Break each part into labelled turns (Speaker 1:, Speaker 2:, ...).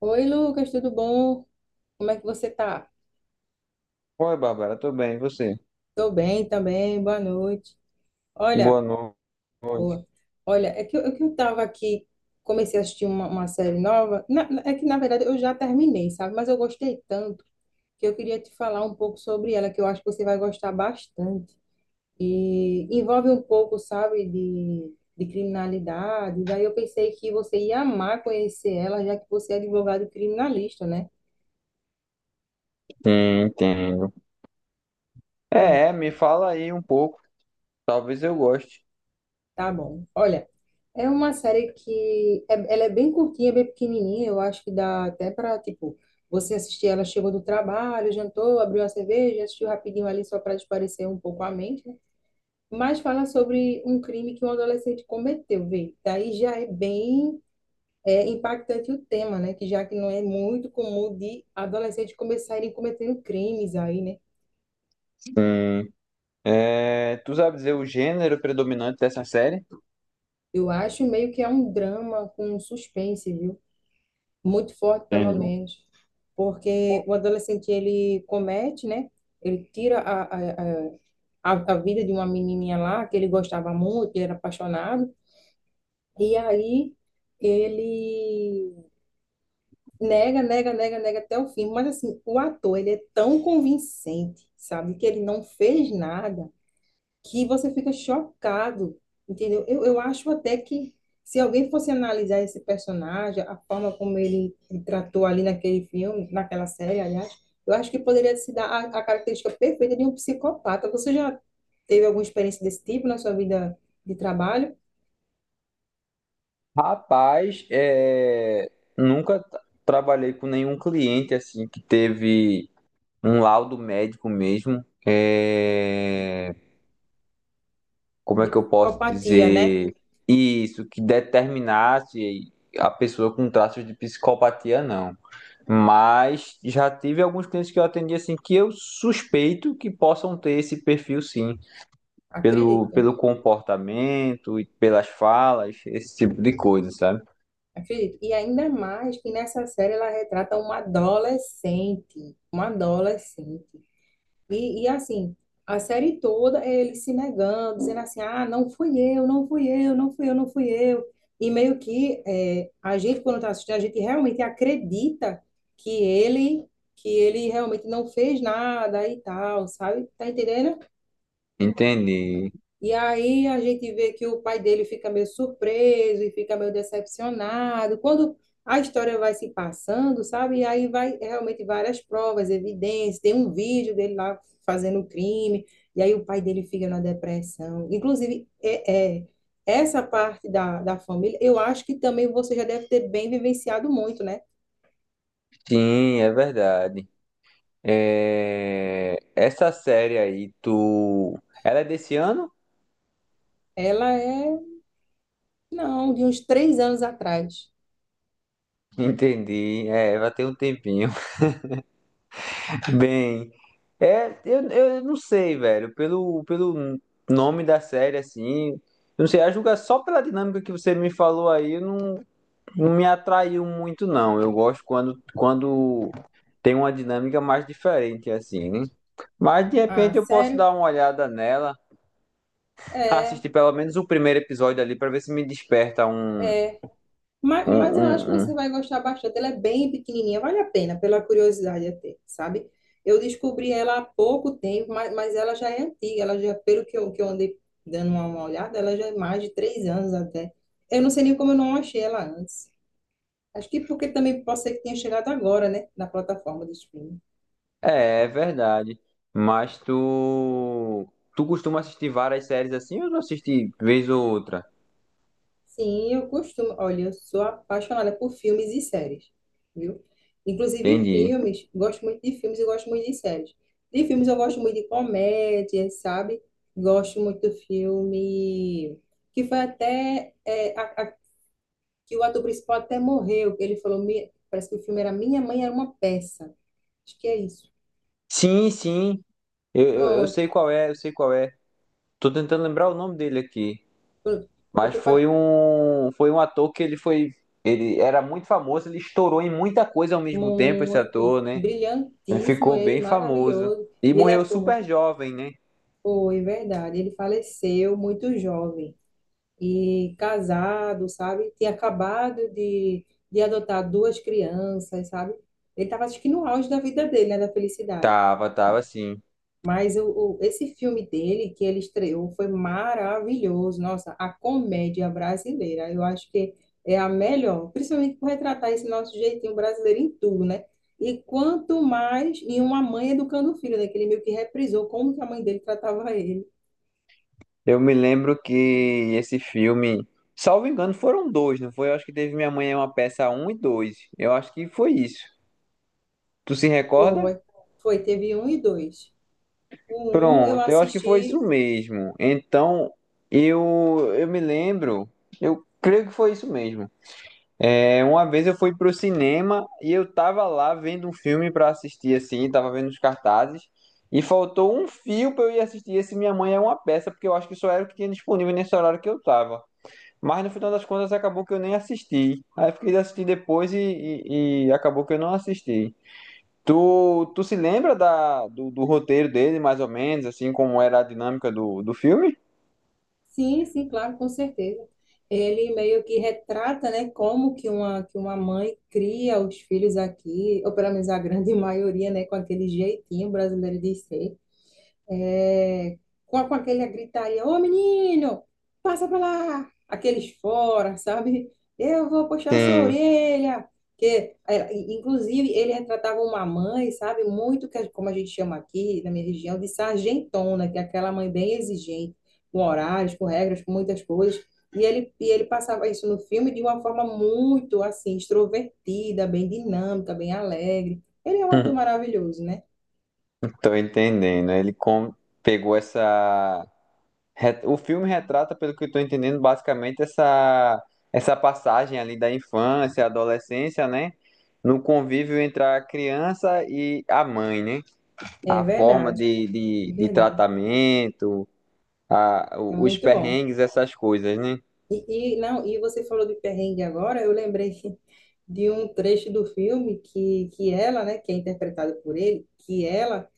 Speaker 1: Oi, Lucas, tudo bom? Como é que você tá?
Speaker 2: Oi, Bárbara, tudo bem? E você?
Speaker 1: Tô bem também, boa noite. Olha,
Speaker 2: Boa no- noite.
Speaker 1: boa. Olha, é que eu tava aqui, comecei a assistir uma série nova. É que, na verdade, eu já terminei, sabe? Mas eu gostei tanto que eu queria te falar um pouco sobre ela, que eu acho que você vai gostar bastante. E envolve um pouco, sabe, de criminalidade. Daí eu pensei que você ia amar conhecer ela, já que você é advogado criminalista, né?
Speaker 2: Sim, entendo.
Speaker 1: Pronto,
Speaker 2: É, me fala aí um pouco. Talvez eu goste.
Speaker 1: tá bom. Olha. É uma série que ela é bem curtinha, bem pequenininha. Eu acho que dá até para, tipo, você assistir. Ela chegou do trabalho, jantou, abriu a cerveja, assistiu rapidinho ali só para espairecer um pouco a mente, né? Mas fala sobre um crime que um adolescente cometeu, vê. Daí já é bem impactante o tema, né? Que já que não é muito comum de adolescentes começarem cometendo crimes aí, né?
Speaker 2: Sim. É, tu sabe dizer o gênero predominante dessa série?
Speaker 1: Eu acho meio que é um drama com suspense, viu? Muito forte, pelo
Speaker 2: Entendi.
Speaker 1: menos, porque o adolescente ele comete, né? Ele tira a vida de uma menininha lá que ele gostava muito, ele era apaixonado, e aí ele nega, nega, nega, nega até o fim. Mas assim, o ator ele é tão convincente, sabe, que ele não fez nada. Que você fica chocado, entendeu? Eu acho até que se alguém fosse analisar esse personagem, a forma como ele tratou ali naquele filme, naquela série, aliás, eu acho que poderia se dar a característica perfeita de um psicopata. Você já teve alguma experiência desse tipo na sua vida de trabalho?
Speaker 2: Rapaz, é, nunca t- trabalhei com nenhum cliente assim que teve um laudo médico mesmo. É, como é
Speaker 1: De
Speaker 2: que eu posso
Speaker 1: psicopatia, né?
Speaker 2: dizer isso, que determinasse a pessoa com traços de psicopatia, não. Mas já tive alguns clientes que eu atendi assim que eu suspeito que possam ter esse perfil sim, pelo,
Speaker 1: Acredito,
Speaker 2: pelo comportamento e pelas falas, esse tipo de coisa, sabe?
Speaker 1: acredito. E ainda mais que nessa série ela retrata uma adolescente, uma adolescente. E, assim, a série toda é ele se negando, dizendo assim: ah, não fui eu, não fui eu, não fui eu, não fui eu. E meio que é, a gente, quando está assistindo, a gente realmente acredita que ele, que ele realmente não fez nada e tal, sabe? Tá entendendo?
Speaker 2: Entendi.
Speaker 1: E aí a gente vê que o pai dele fica meio surpreso e fica meio decepcionado. Quando a história vai se passando, sabe? E aí vai realmente várias provas, evidências. Tem um vídeo dele lá fazendo um crime, e aí o pai dele fica na depressão. Inclusive, essa parte da família, eu acho que também você já deve ter bem vivenciado muito, né?
Speaker 2: Sim, é verdade. É, essa série aí, tu. Ela é desse ano?
Speaker 1: Ela é, não, de uns três anos atrás.
Speaker 2: Entendi. É, vai ter um tempinho. Bem, é, eu não sei, velho, pelo nome da série, assim, eu não sei, a julgar só pela dinâmica que você me falou aí, não, não me atraiu muito, não. Eu gosto quando, quando tem uma dinâmica mais diferente, assim, né? Mas de
Speaker 1: Ah,
Speaker 2: repente eu posso
Speaker 1: sério?
Speaker 2: dar uma olhada nela,
Speaker 1: É.
Speaker 2: assistir pelo menos o primeiro episódio ali pra ver se me desperta
Speaker 1: É. Mas,
Speaker 2: um,
Speaker 1: eu acho
Speaker 2: um,
Speaker 1: que você
Speaker 2: um
Speaker 1: vai gostar bastante. Ela é bem pequenininha, vale a pena, pela curiosidade até, sabe? Eu descobri ela há pouco tempo, mas, ela já é antiga, ela já, pelo que eu, andei dando uma olhada, ela já é mais de três anos até. Eu não sei nem como eu não achei ela antes. Acho que porque também pode ser que tenha chegado agora, né? Na plataforma de streaming.
Speaker 2: é, é verdade. Mas tu. Tu costuma assistir várias séries assim ou não assiste vez ou outra?
Speaker 1: Sim, eu costumo. Olha, eu sou apaixonada por filmes e séries, viu? Inclusive
Speaker 2: Entendi.
Speaker 1: filmes, gosto muito de filmes e gosto muito de séries. De filmes eu gosto muito de comédia, sabe? Gosto muito do filme que foi até é, que o ator principal até morreu, que ele falou, "Mi- parece que o filme era Minha Mãe Era uma Peça. Acho que é isso.
Speaker 2: Sim, sim. Eu
Speaker 1: Pronto,
Speaker 2: sei qual é, eu sei qual é. Tô tentando lembrar o nome dele aqui.
Speaker 1: pronto.
Speaker 2: Mas
Speaker 1: Porque
Speaker 2: foi
Speaker 1: pa-
Speaker 2: um. Foi um ator que ele foi. Ele era muito famoso, ele estourou em muita coisa ao mesmo tempo, esse
Speaker 1: Muito
Speaker 2: ator, né? Ele
Speaker 1: brilhantíssimo
Speaker 2: ficou
Speaker 1: ele,
Speaker 2: bem famoso.
Speaker 1: maravilhoso.
Speaker 2: E
Speaker 1: E ele
Speaker 2: morreu
Speaker 1: atua
Speaker 2: super
Speaker 1: muito.
Speaker 2: jovem, né?
Speaker 1: Foi verdade. Ele faleceu muito jovem e casado, sabe? Tinha acabado de, adotar duas crianças, sabe? Ele estava, acho que, no auge da vida dele, né? Da felicidade.
Speaker 2: Tava, tava assim.
Speaker 1: Mas esse filme dele, que ele estreou, foi maravilhoso. Nossa, a comédia brasileira, eu acho que é a melhor, principalmente por retratar esse nosso jeitinho brasileiro em tudo, né? E quanto mais em uma mãe educando o filho, né? Que ele meio que reprisou como que a mãe dele tratava ele.
Speaker 2: Eu me lembro que esse filme, salvo engano, foram dois, não foi? Eu acho que teve Minha Mãe é uma Peça um e 2. Eu acho que foi isso. Tu se recorda?
Speaker 1: Foi, foi, teve um e dois. O um eu
Speaker 2: Pronto, eu acho que foi isso
Speaker 1: assisti,
Speaker 2: mesmo. Então, eu me lembro, eu creio que foi isso mesmo. É, uma vez eu fui pro cinema e eu tava lá vendo um filme pra assistir assim, tava vendo os cartazes. E faltou um fio pra eu ir assistir esse Minha Mãe é uma Peça, porque eu acho que só era o que tinha disponível nesse horário que eu tava. Mas no final das contas acabou que eu nem assisti. Aí eu fiquei de assistir depois e acabou que eu não assisti. Tu se lembra da, do, do roteiro dele, mais ou menos, assim, como era a dinâmica do, do filme?
Speaker 1: sim, sim, claro, com certeza. Ele meio que retrata, né, como que uma mãe cria os filhos aqui, ou pelo menos a grande maioria, né, com aquele jeitinho brasileiro de ser. É, com, aquele gritaria, ô menino, passa pra lá, aqueles fora, sabe? Eu vou puxar a sua
Speaker 2: Sim,
Speaker 1: orelha. Que, é, inclusive, ele retratava uma mãe, sabe? Muito, que, como a gente chama aqui na minha região, de sargentona, que é aquela mãe bem exigente, com horários, com regras, com muitas coisas. E ele, passava isso no filme de uma forma muito, assim, extrovertida, bem dinâmica, bem alegre. Ele é um ator maravilhoso, né?
Speaker 2: tô entendendo. Pegou essa. O filme retrata, pelo que eu tô entendendo, basicamente essa, essa passagem ali da infância, adolescência, né? No convívio entre a criança e a mãe, né?
Speaker 1: É
Speaker 2: A forma
Speaker 1: verdade, é
Speaker 2: de
Speaker 1: verdade.
Speaker 2: tratamento, a,
Speaker 1: É
Speaker 2: os
Speaker 1: muito bom.
Speaker 2: perrengues, essas coisas, né?
Speaker 1: Não, e você falou de perrengue agora, eu lembrei de um trecho do filme que ela, né, que é interpretada por ele, que ela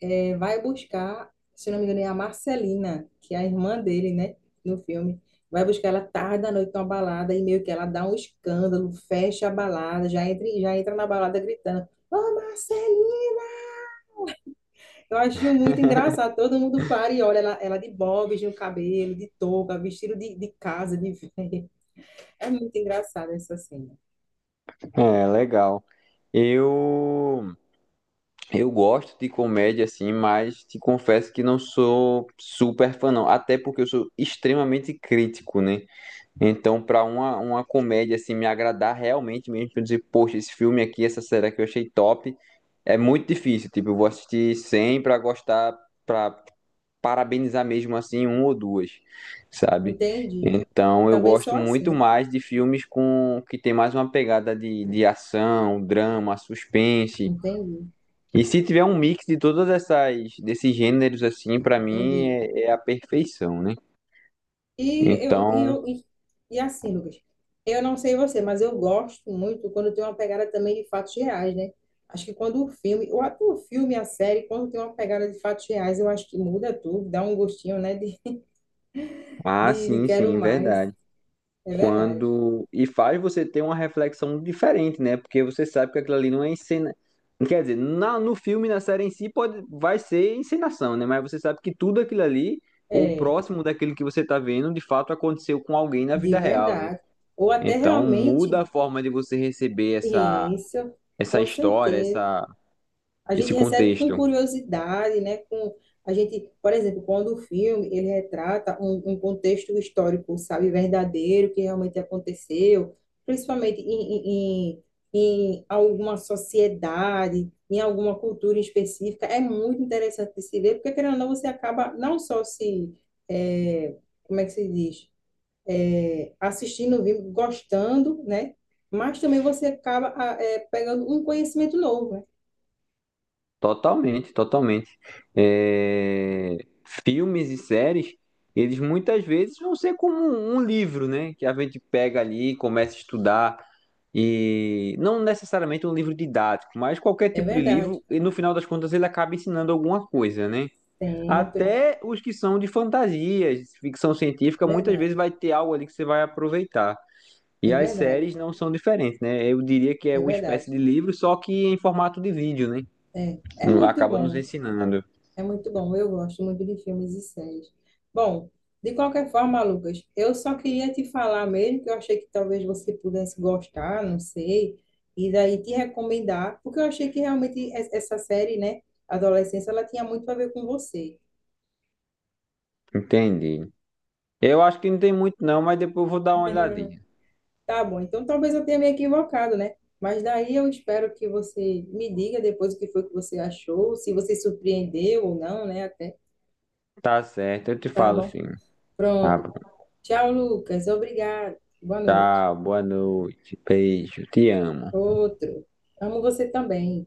Speaker 1: vai buscar, se não me engano, é a Marcelina, que é a irmã dele, né, no filme. Vai buscar ela tarde da noite numa balada e meio que ela dá um escândalo, fecha a balada, já entra na balada gritando, ô, Marcelina! Eu acho muito engraçado, todo mundo para e olha ela, ela de bobs no cabelo, de touca, vestido de, casa, de velha. É muito engraçada essa cena.
Speaker 2: É, legal. Eu, eu gosto de comédia, assim, mas te confesso que não sou super fã, não. Até porque eu sou extremamente crítico, né? Então, para uma comédia, assim, me agradar realmente mesmo, pra eu dizer, poxa, esse filme aqui, essa série que eu achei top, é muito difícil. Tipo, eu vou assistir 100 pra gostar, pra, parabenizar mesmo assim um ou duas, sabe?
Speaker 1: Entendi.
Speaker 2: Então eu
Speaker 1: Também sou
Speaker 2: gosto muito
Speaker 1: assim.
Speaker 2: mais de filmes com que tem mais uma pegada de ação, drama, suspense.
Speaker 1: Entendi,
Speaker 2: E se tiver um mix de todas essas desses gêneros assim, pra mim
Speaker 1: entendi.
Speaker 2: é, é a perfeição, né?
Speaker 1: E eu, e
Speaker 2: Então,
Speaker 1: eu, e, e assim, Lucas, eu não sei você, mas eu gosto muito quando tem uma pegada também de fatos reais, né? Acho que quando o filme, ou até o filme, a série, quando tem uma pegada de fatos reais, eu acho que muda tudo, dá um gostinho, né? De,
Speaker 2: ah,
Speaker 1: de
Speaker 2: sim,
Speaker 1: quero
Speaker 2: sim,
Speaker 1: mais.
Speaker 2: verdade.
Speaker 1: É verdade.
Speaker 2: Quando e faz você ter uma reflexão diferente, né? Porque você sabe que aquilo ali não é encena, quer dizer, na, no filme, na série em si pode vai ser encenação, né? Mas você sabe que tudo aquilo ali ou
Speaker 1: É,
Speaker 2: próximo daquilo que você tá vendo, de fato aconteceu com alguém na
Speaker 1: de
Speaker 2: vida real, né?
Speaker 1: verdade. Ou até
Speaker 2: Então muda
Speaker 1: realmente,
Speaker 2: a forma de você receber essa
Speaker 1: isso,
Speaker 2: essa
Speaker 1: com
Speaker 2: história,
Speaker 1: certeza.
Speaker 2: essa
Speaker 1: A
Speaker 2: esse
Speaker 1: gente recebe com
Speaker 2: contexto.
Speaker 1: curiosidade, né? Com a gente, por exemplo, quando o filme ele retrata um contexto histórico, sabe, verdadeiro que realmente aconteceu, principalmente em alguma sociedade, em alguma cultura específica, é muito interessante de se ver, porque querendo ou não você acaba não só se é, como é que se diz? É, assistindo o vídeo, gostando, né? Mas também você acaba ah, é, pegando um conhecimento novo, né?
Speaker 2: Totalmente, totalmente. É, filmes e séries, eles muitas vezes vão ser como um livro, né? Que a gente pega ali, começa a estudar, e não necessariamente um livro didático, mas qualquer
Speaker 1: É
Speaker 2: tipo de
Speaker 1: verdade.
Speaker 2: livro, e no final das contas ele acaba ensinando alguma coisa, né?
Speaker 1: Sempre.
Speaker 2: Até os que são de fantasias, ficção
Speaker 1: É
Speaker 2: científica, muitas
Speaker 1: verdade.
Speaker 2: vezes vai ter algo ali que você vai aproveitar.
Speaker 1: É
Speaker 2: E as
Speaker 1: verdade.
Speaker 2: séries não são diferentes, né? Eu diria que é
Speaker 1: É
Speaker 2: uma espécie
Speaker 1: verdade.
Speaker 2: de livro, só que em formato de vídeo, né?
Speaker 1: É. É muito
Speaker 2: Acaba nos
Speaker 1: bom.
Speaker 2: ensinando.
Speaker 1: É muito bom. Eu gosto muito de filmes e séries. Bom, de qualquer forma, Lucas, eu só queria te falar mesmo que eu achei que talvez você pudesse gostar, não sei, e daí te recomendar, porque eu achei que realmente essa série, né, Adolescência, ela tinha muito a ver com você.
Speaker 2: Entendi. Eu acho que não tem muito não, mas depois eu vou dar uma olhadinha.
Speaker 1: Tá bom, então talvez eu tenha me equivocado, né? Mas daí eu espero que você me diga depois o que foi que você achou, se você surpreendeu ou não, né? Até.
Speaker 2: Tá certo, eu te
Speaker 1: Tá
Speaker 2: falo
Speaker 1: bom.
Speaker 2: sim. Tá
Speaker 1: Pronto.
Speaker 2: bom.
Speaker 1: Tchau, Lucas. Obrigado. Boa noite.
Speaker 2: Tá, boa noite. Beijo, te amo.
Speaker 1: Outro. Amo você também.